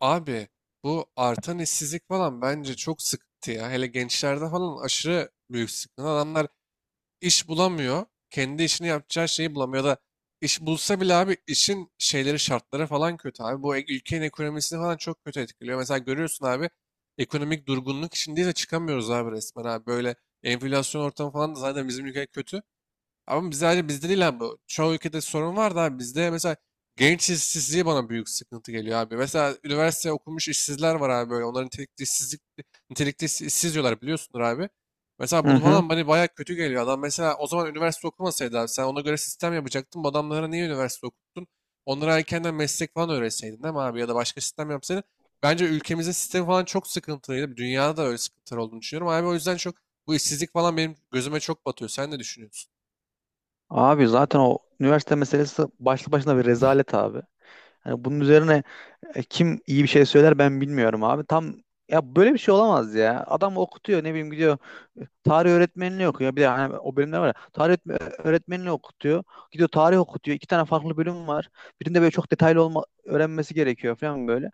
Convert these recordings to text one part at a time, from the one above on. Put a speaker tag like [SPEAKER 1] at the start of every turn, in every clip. [SPEAKER 1] Abi bu artan işsizlik falan bence çok sıkıntı ya. Hele gençlerde falan aşırı büyük sıkıntı. Adamlar iş bulamıyor. Kendi işini yapacağı şeyi bulamıyor. Ya da iş bulsa bile abi işin şeyleri şartları falan kötü abi. Bu ülkenin ekonomisini falan çok kötü etkiliyor. Mesela görüyorsun abi ekonomik durgunluk içindeyiz de çıkamıyoruz abi resmen abi. Böyle enflasyon ortamı falan da zaten bizim ülke kötü. Ama biz sadece bizde değil abi. Çoğu ülkede sorun var da abi bizde mesela genç işsizliği bana büyük sıkıntı geliyor abi. Mesela üniversite okumuş işsizler var abi böyle. Onların nitelikli nitelikli işsiz diyorlar biliyorsundur abi. Mesela
[SPEAKER 2] Hı
[SPEAKER 1] bu
[SPEAKER 2] hı.
[SPEAKER 1] falan bana bayağı kötü geliyor. Adam mesela o zaman üniversite okumasaydı abi sen ona göre sistem yapacaktın. Bu adamlara niye üniversite okuttun? Onlara erkenden meslek falan öğretseydin değil mi abi? Ya da başka sistem yapsaydın. Bence ülkemizin sistemi falan çok sıkıntılıydı. Dünyada da öyle sıkıntılar olduğunu düşünüyorum. Abi o yüzden çok bu işsizlik falan benim gözüme çok batıyor. Sen ne düşünüyorsun?
[SPEAKER 2] Abi zaten o üniversite meselesi başlı başına bir rezalet abi. Hani bunun üzerine kim iyi bir şey söyler ben bilmiyorum abi. Tam ya böyle bir şey olamaz ya. Adam okutuyor, ne bileyim, gidiyor tarih öğretmenliği okuyor. Bir de hani o bölümler var ya. Öğretmenliği okutuyor. Gidiyor tarih okutuyor. 2 tane farklı bölüm var. Birinde böyle çok detaylı olma öğrenmesi gerekiyor falan böyle.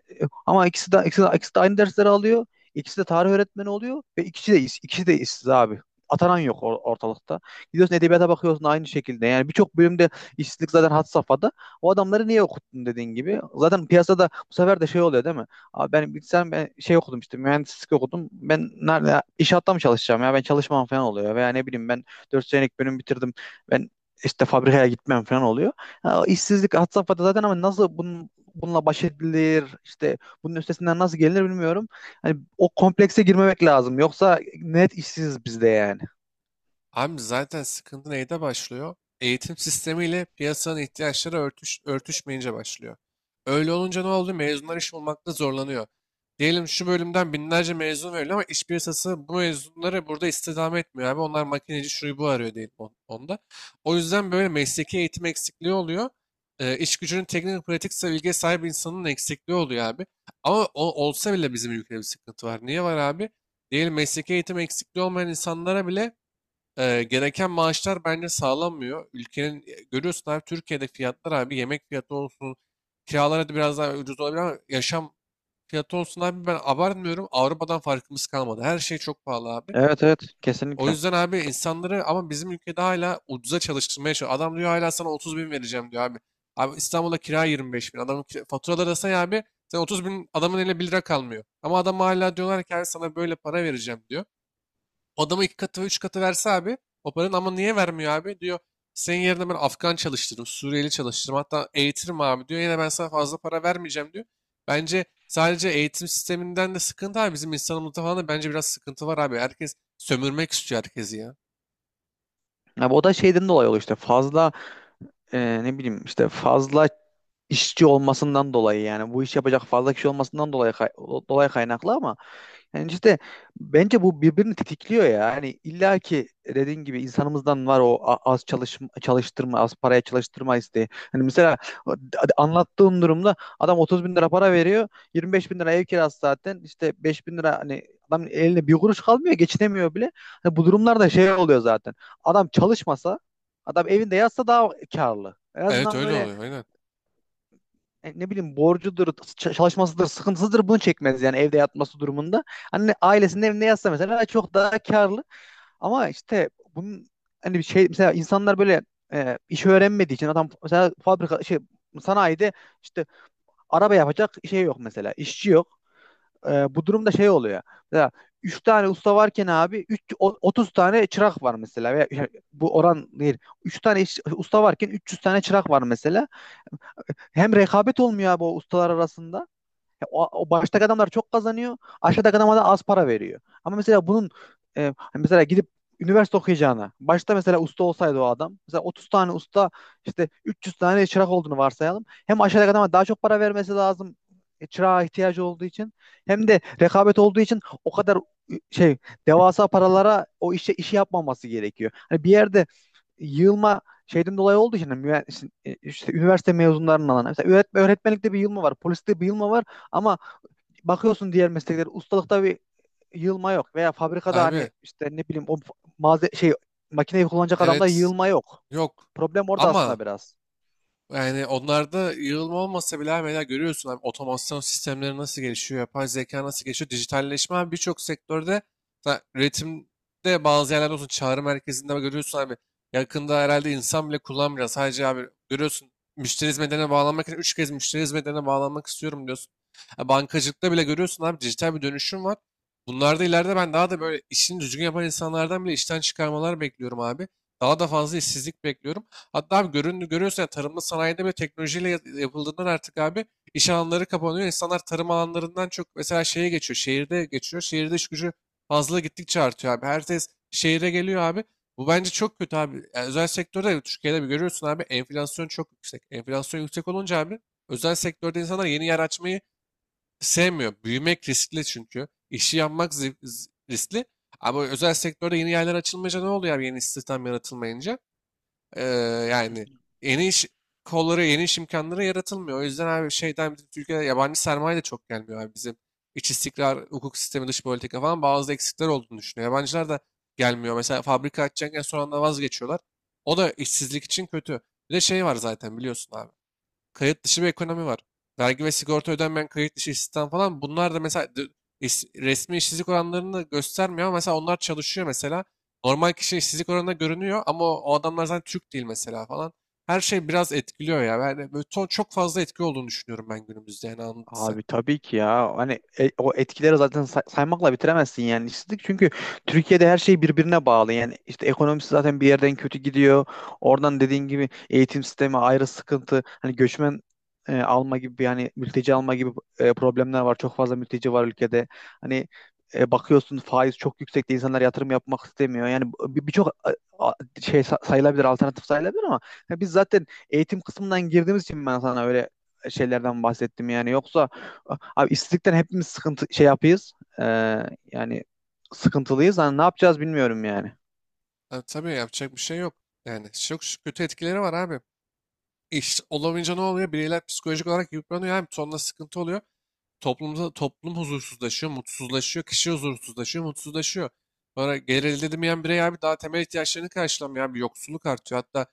[SPEAKER 2] Ama ikisi de aynı dersleri alıyor. İkisi de tarih öğretmeni oluyor ve ikisi de işsiz abi. Atanan yok ortalıkta. Gidiyorsun edebiyata bakıyorsun aynı şekilde. Yani birçok bölümde işsizlik zaten had safhada. O adamları niye okuttun dediğin gibi. Zaten piyasada bu sefer de şey oluyor değil mi? Abi ben bilsem, ben şey okudum, işte mühendislik okudum. Ben nerede, inşaatta mı çalışacağım, ya ben çalışmam falan oluyor. Veya ne bileyim, ben 4 senelik bölüm bitirdim. Ben işte fabrikaya gitmem falan oluyor. Ha, işsizlik had safhada zaten ama nasıl bunun, bununla baş edilir, işte bunun üstesinden nasıl gelinir bilmiyorum. Hani o komplekse girmemek lazım, yoksa net işsiz bizde yani.
[SPEAKER 1] Abi zaten sıkıntı neyde başlıyor? Eğitim sistemiyle piyasanın ihtiyaçları örtüşmeyince başlıyor. Öyle olunca ne oldu? Mezunlar iş bulmakta zorlanıyor. Diyelim şu bölümden binlerce mezun veriliyor ama iş piyasası bu mezunları burada istihdam etmiyor abi. Onlar makineci şuyu bu arıyor diyelim onda. O yüzden böyle mesleki eğitim eksikliği oluyor. İş gücünün teknik pratik bilgiye sahip insanın eksikliği oluyor abi. Ama olsa bile bizim ülkede bir sıkıntı var. Niye var abi? Diyelim mesleki eğitim eksikliği olmayan insanlara bile gereken maaşlar bence sağlanmıyor. Ülkenin görüyorsun abi Türkiye'de fiyatlar abi yemek fiyatı olsun, kiralar hadi biraz daha ucuz olabilir ama yaşam fiyatı olsun abi ben abartmıyorum. Avrupa'dan farkımız kalmadı. Her şey çok pahalı abi.
[SPEAKER 2] Evet evet,
[SPEAKER 1] O
[SPEAKER 2] kesinlikle.
[SPEAKER 1] yüzden abi insanları ama bizim ülkede hala ucuza çalıştırmaya çalışıyor. Adam diyor hala sana 30 bin vereceğim diyor abi. Abi İstanbul'da kira 25 bin. Adamın faturaları da say abi. Sen 30 bin adamın eline bir lira kalmıyor. Ama adam hala diyorlar ki abi sana böyle para vereceğim diyor. O adama iki katı ve üç katı verse abi o paranın ama niye vermiyor abi diyor. Senin yerine ben Afgan çalıştırırım, Suriyeli çalıştırırım hatta eğitirim abi diyor. Yine ben sana fazla para vermeyeceğim diyor. Bence sadece eğitim sisteminden de sıkıntı abi. Bizim insanımızda falan da bence biraz sıkıntı var abi. Herkes sömürmek istiyor herkesi ya.
[SPEAKER 2] Abi o da şeyden dolayı oluyor, işte fazla ne bileyim işte fazla işçi olmasından dolayı, yani bu iş yapacak fazla kişi olmasından dolayı kaynaklı ama yani işte bence bu birbirini tetikliyor ya. Yani illa ki dediğin gibi insanımızdan var o az çalış çalıştırma, az paraya çalıştırma isteği. Hani mesela anlattığım durumda adam 30 bin lira para veriyor. 25 bin lira ev kirası zaten. İşte 5 bin lira, hani adam eline bir kuruş kalmıyor. Geçinemiyor bile. Hani bu durumlarda şey oluyor zaten. Adam çalışmasa, adam evinde yatsa daha karlı. En
[SPEAKER 1] Evet,
[SPEAKER 2] azından
[SPEAKER 1] öyle
[SPEAKER 2] böyle
[SPEAKER 1] oluyor aynen.
[SPEAKER 2] ne bileyim borcudur, çalışmasıdır, sıkıntısıdır bunu çekmez yani evde yatması durumunda. Anne ailesinin evinde yatsa mesela çok daha karlı, ama işte bunun hani bir şey, mesela insanlar böyle iş öğrenmediği için adam mesela fabrika şey, sanayide işte araba yapacak şey yok, mesela işçi yok. Bu durumda şey oluyor. Mesela 3 tane usta varken abi 3 30 tane çırak var mesela, veya yani bu oran değil. Usta varken 300 tane çırak var mesela. Hem rekabet olmuyor abi o ustalar arasında. Ya o baştaki adamlar çok kazanıyor. Aşağıdaki adama da az para veriyor. Ama mesela bunun hani mesela gidip üniversite okuyacağına başta mesela usta olsaydı, o adam mesela 30 tane usta, işte 300 tane çırak olduğunu varsayalım. Hem aşağıdaki adama daha çok para vermesi lazım çırağa ihtiyacı olduğu için, hem de rekabet olduğu için o kadar e, şey devasa paralara o işe işi yapmaması gerekiyor. Hani bir yerde yığılma şeyden dolayı olduğu için, hani işte, işte üniversite mezunlarının alanı. Mesela öğretmenlikte bir yığılma var, poliste bir yığılma var. Ama bakıyorsun diğer mesleklere, ustalıkta bir yığılma yok. Veya fabrikada hani
[SPEAKER 1] Abi,
[SPEAKER 2] işte ne bileyim o malze şey makineyi kullanacak adamda
[SPEAKER 1] evet,
[SPEAKER 2] yığılma yok.
[SPEAKER 1] yok,
[SPEAKER 2] Problem orada
[SPEAKER 1] ama
[SPEAKER 2] aslında biraz.
[SPEAKER 1] yani onlarda yığılma olmasa bile abi mesela görüyorsun abi otomasyon sistemleri nasıl gelişiyor, yapay zeka nasıl gelişiyor, dijitalleşme abi birçok sektörde üretimde bazı yerlerde olsun çağrı merkezinde görüyorsun abi yakında herhalde insan bile kullanmayacak. Sadece abi görüyorsun müşteri hizmetlerine bağlanmak için 3 kez müşteri hizmetlerine bağlanmak istiyorum diyorsun. Ha, bankacılıkta bile görüyorsun abi dijital bir dönüşüm var. Bunlarda ileride ben daha da böyle işini düzgün yapan insanlardan bile işten çıkarmalar bekliyorum abi. Daha da fazla işsizlik bekliyorum. Hatta abi görüyorsun ya tarımda sanayide bile teknolojiyle yapıldığından artık abi iş alanları kapanıyor. İnsanlar tarım alanlarından çok mesela şeye geçiyor. Şehirde geçiyor. Şehirde iş gücü fazla gittikçe artıyor abi. Herkes şehire geliyor abi. Bu bence çok kötü abi. Yani özel sektörde Türkiye'de bir görüyorsun abi enflasyon çok yüksek. Enflasyon yüksek olunca abi özel sektörde insanlar yeni yer açmayı sevmiyor. Büyümek riskli çünkü. İşi yapmak riskli. Ama özel sektörde yeni yerler açılmayınca ne oluyor abi yeni istihdam yaratılmayınca? Ee, Yani yeni iş kolları, yeni iş imkanları yaratılmıyor. O yüzden abi şeyden bizim Türkiye'de yabancı sermaye de çok gelmiyor abi bizim. İç istikrar, hukuk sistemi, dış politika falan bazı eksikler olduğunu düşünüyor. Yabancılar da gelmiyor. Mesela fabrika açacakken son anda vazgeçiyorlar. O da işsizlik için kötü. Bir de şey var zaten biliyorsun abi kayıt dışı bir ekonomi var. Vergi ve sigorta ödenmeyen kayıt dışı istihdam falan bunlar da mesela resmi işsizlik oranlarını göstermiyor ama mesela onlar çalışıyor mesela. Normal kişi işsizlik oranında görünüyor ama o adamlar zaten Türk değil mesela falan. Her şey biraz etkiliyor ya. Yani böyle çok fazla etki olduğunu düşünüyorum ben günümüzde yani anladın sen.
[SPEAKER 2] Abi tabii ki ya. Hani o etkileri zaten saymakla bitiremezsin yani, işsizlik. Çünkü Türkiye'de her şey birbirine bağlı. Yani işte ekonomisi zaten bir yerden kötü gidiyor. Oradan dediğin gibi eğitim sistemi ayrı sıkıntı. Hani göçmen alma gibi bir, hani mülteci alma gibi problemler var. Çok fazla mülteci var ülkede. Hani bakıyorsun faiz çok yüksekte, insanlar yatırım yapmak istemiyor. Yani birçok a- sayılabilir, alternatif sayılabilir ama ya biz zaten eğitim kısmından girdiğimiz için ben sana öyle şeylerden bahsettim yani. Yoksa abi işsizlikten hepimiz sıkıntı şey yapıyız. Ee, Yani sıkıntılıyız. Hani ne yapacağız bilmiyorum yani.
[SPEAKER 1] Ha, tabii yapacak bir şey yok. Yani çok kötü etkileri var abi. İş olamayınca ne oluyor? Bireyler psikolojik olarak yıpranıyor. Hem sonra sıkıntı oluyor. Toplumda toplum huzursuzlaşıyor, mutsuzlaşıyor, kişi huzursuzlaşıyor, mutsuzlaşıyor. Sonra gelir elde edemeyen birey abi daha temel ihtiyaçlarını karşılamıyor. Bir yoksulluk artıyor. Hatta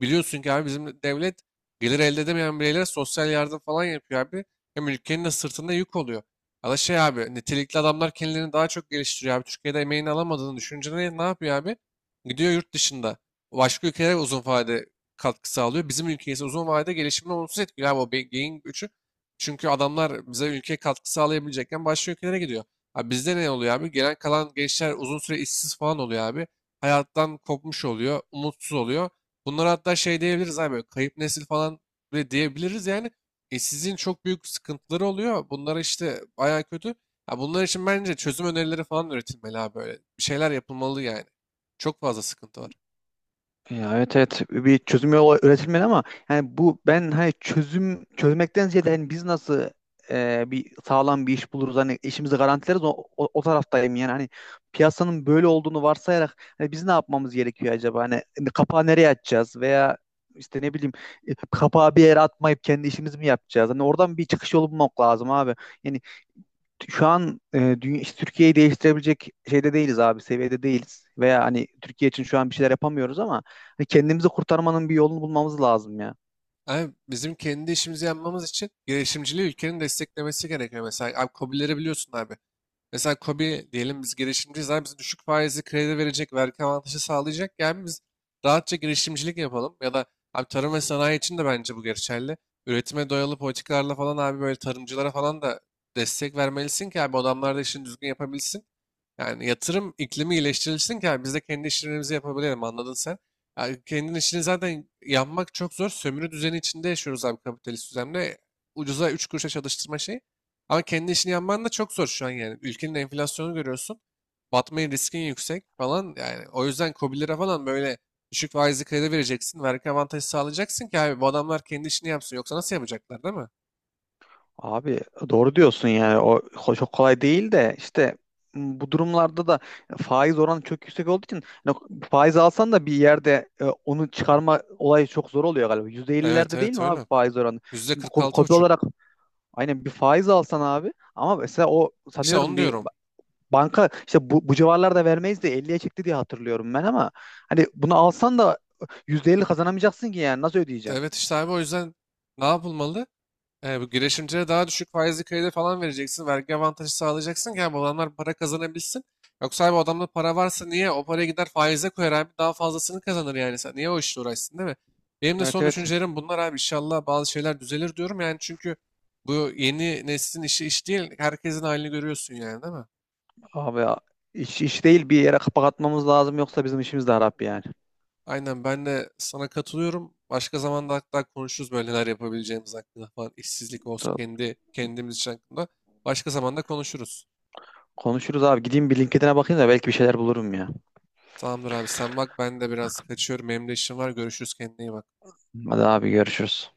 [SPEAKER 1] biliyorsun ki abi bizim devlet gelir elde edemeyen bireylere sosyal yardım falan yapıyor abi. Hem ülkenin de sırtında yük oluyor. Ya da şey abi nitelikli adamlar kendilerini daha çok geliştiriyor abi. Türkiye'de emeğini alamadığını düşünce ne yapıyor abi? Gidiyor yurt dışında. Başka ülkelere uzun vade katkı sağlıyor. Bizim ülkeyiz uzun vadede gelişimini olumsuz etkiliyor. Abi o beyin göçü. Çünkü adamlar bize ülkeye katkı sağlayabilecekken başka ülkelere gidiyor. Abi bizde ne oluyor abi? Gelen kalan gençler uzun süre işsiz falan oluyor abi. Hayattan kopmuş oluyor, umutsuz oluyor. Bunlara hatta şey diyebiliriz abi, böyle kayıp nesil falan bile diyebiliriz yani. İşsizliğin çok büyük sıkıntıları oluyor. Bunlar işte bayağı kötü. Ya bunlar için bence çözüm önerileri falan üretilmeli abi böyle. Bir şeyler yapılmalı yani. Çok fazla sıkıntı var.
[SPEAKER 2] Ya evet evet, bir çözüm yolu üretilmedi ama yani bu ben, hani çözüm çözmekten ziyade hani biz nasıl bir sağlam bir iş buluruz, hani işimizi garantileriz, o taraftayım yani. Hani piyasanın böyle olduğunu varsayarak hani biz ne yapmamız gerekiyor acaba, hani kapağı nereye atacağız, veya işte ne bileyim kapağı bir yere atmayıp kendi işimizi mi yapacağız, hani oradan bir çıkış yolu bulmak lazım abi. Yani şu an işte Türkiye'yi değiştirebilecek şeyde değiliz abi, seviyede değiliz. Veya hani Türkiye için şu an bir şeyler yapamıyoruz ama hani kendimizi kurtarmanın bir yolunu bulmamız lazım ya.
[SPEAKER 1] Abi bizim kendi işimizi yapmamız için girişimciliği ülkenin desteklemesi gerekiyor. Mesela abi KOBİ'leri biliyorsun abi. Mesela KOBİ diyelim biz girişimciyiz abi bize düşük faizli kredi verecek, vergi avantajı sağlayacak. Yani biz rahatça girişimcilik yapalım. Ya da abi tarım ve sanayi için de bence bu geçerli. Üretime dayalı politikalarla falan abi böyle tarımcılara falan da destek vermelisin ki abi adamlar da işini düzgün yapabilsin. Yani yatırım iklimi iyileştirilsin ki abi biz de kendi işlerimizi yapabilelim anladın sen. Yani kendin işini zaten yapmak çok zor. Sömürü düzeni içinde yaşıyoruz abi kapitalist düzende. Ucuza 3 kuruşa çalıştırma şeyi. Ama kendi işini yapman da çok zor şu an yani. Ülkenin enflasyonu görüyorsun. Batmayı riskin yüksek falan. Yani o yüzden KOBİ'lere falan böyle düşük faizli kredi vereceksin. Vergi avantajı sağlayacaksın ki abi bu adamlar kendi işini yapsın. Yoksa nasıl yapacaklar değil mi?
[SPEAKER 2] Abi doğru diyorsun, yani çok kolay değil de, işte bu durumlarda da faiz oranı çok yüksek olduğu için hani faiz alsan da bir yerde onu çıkarma olayı çok zor oluyor galiba.
[SPEAKER 1] Evet,
[SPEAKER 2] %50'lerde değil
[SPEAKER 1] evet,
[SPEAKER 2] mi abi
[SPEAKER 1] öyle.
[SPEAKER 2] faiz oranı? Şimdi kobi
[SPEAKER 1] %46,5.
[SPEAKER 2] olarak, aynen bir faiz alsan abi, ama mesela o
[SPEAKER 1] İşte
[SPEAKER 2] sanıyorum
[SPEAKER 1] onu
[SPEAKER 2] bir
[SPEAKER 1] diyorum.
[SPEAKER 2] banka işte bu civarlarda vermeyiz de 50'ye çekti diye hatırlıyorum ben, ama hani bunu alsan da %50 kazanamayacaksın ki, yani nasıl ödeyeceksin?
[SPEAKER 1] Evet, işte abi o yüzden ne yapılmalı? Bu girişimcilere daha düşük faizli kredi falan vereceksin. Vergi avantajı sağlayacaksın ki abi bu adamlar para kazanabilsin. Yoksa abi o adamda para varsa niye o paraya gider faize koyar abi daha fazlasını kazanır yani. Sen niye o işle uğraşsın değil mi? Benim de
[SPEAKER 2] Evet
[SPEAKER 1] son
[SPEAKER 2] evet,
[SPEAKER 1] düşüncelerim bunlar abi. İnşallah bazı şeyler düzelir diyorum yani çünkü bu yeni neslin işi iş değil. Herkesin halini görüyorsun yani değil mi?
[SPEAKER 2] abi ya, iş değil, bir yere kapak atmamız lazım yoksa bizim işimiz de harap yani.
[SPEAKER 1] Aynen ben de sana katılıyorum. Başka zaman hatta konuşuruz böyle neler yapabileceğimiz hakkında falan. İşsizlik olsun kendi kendimiz için hakkında. Başka zamanda konuşuruz.
[SPEAKER 2] Konuşuruz abi, gideyim bir LinkedIn'e bakayım da belki bir şeyler bulurum ya.
[SPEAKER 1] Tamamdır abi sen bak ben de biraz kaçıyorum. Benim de işim var. Görüşürüz kendine iyi bak.
[SPEAKER 2] Hadi abi, görüşürüz.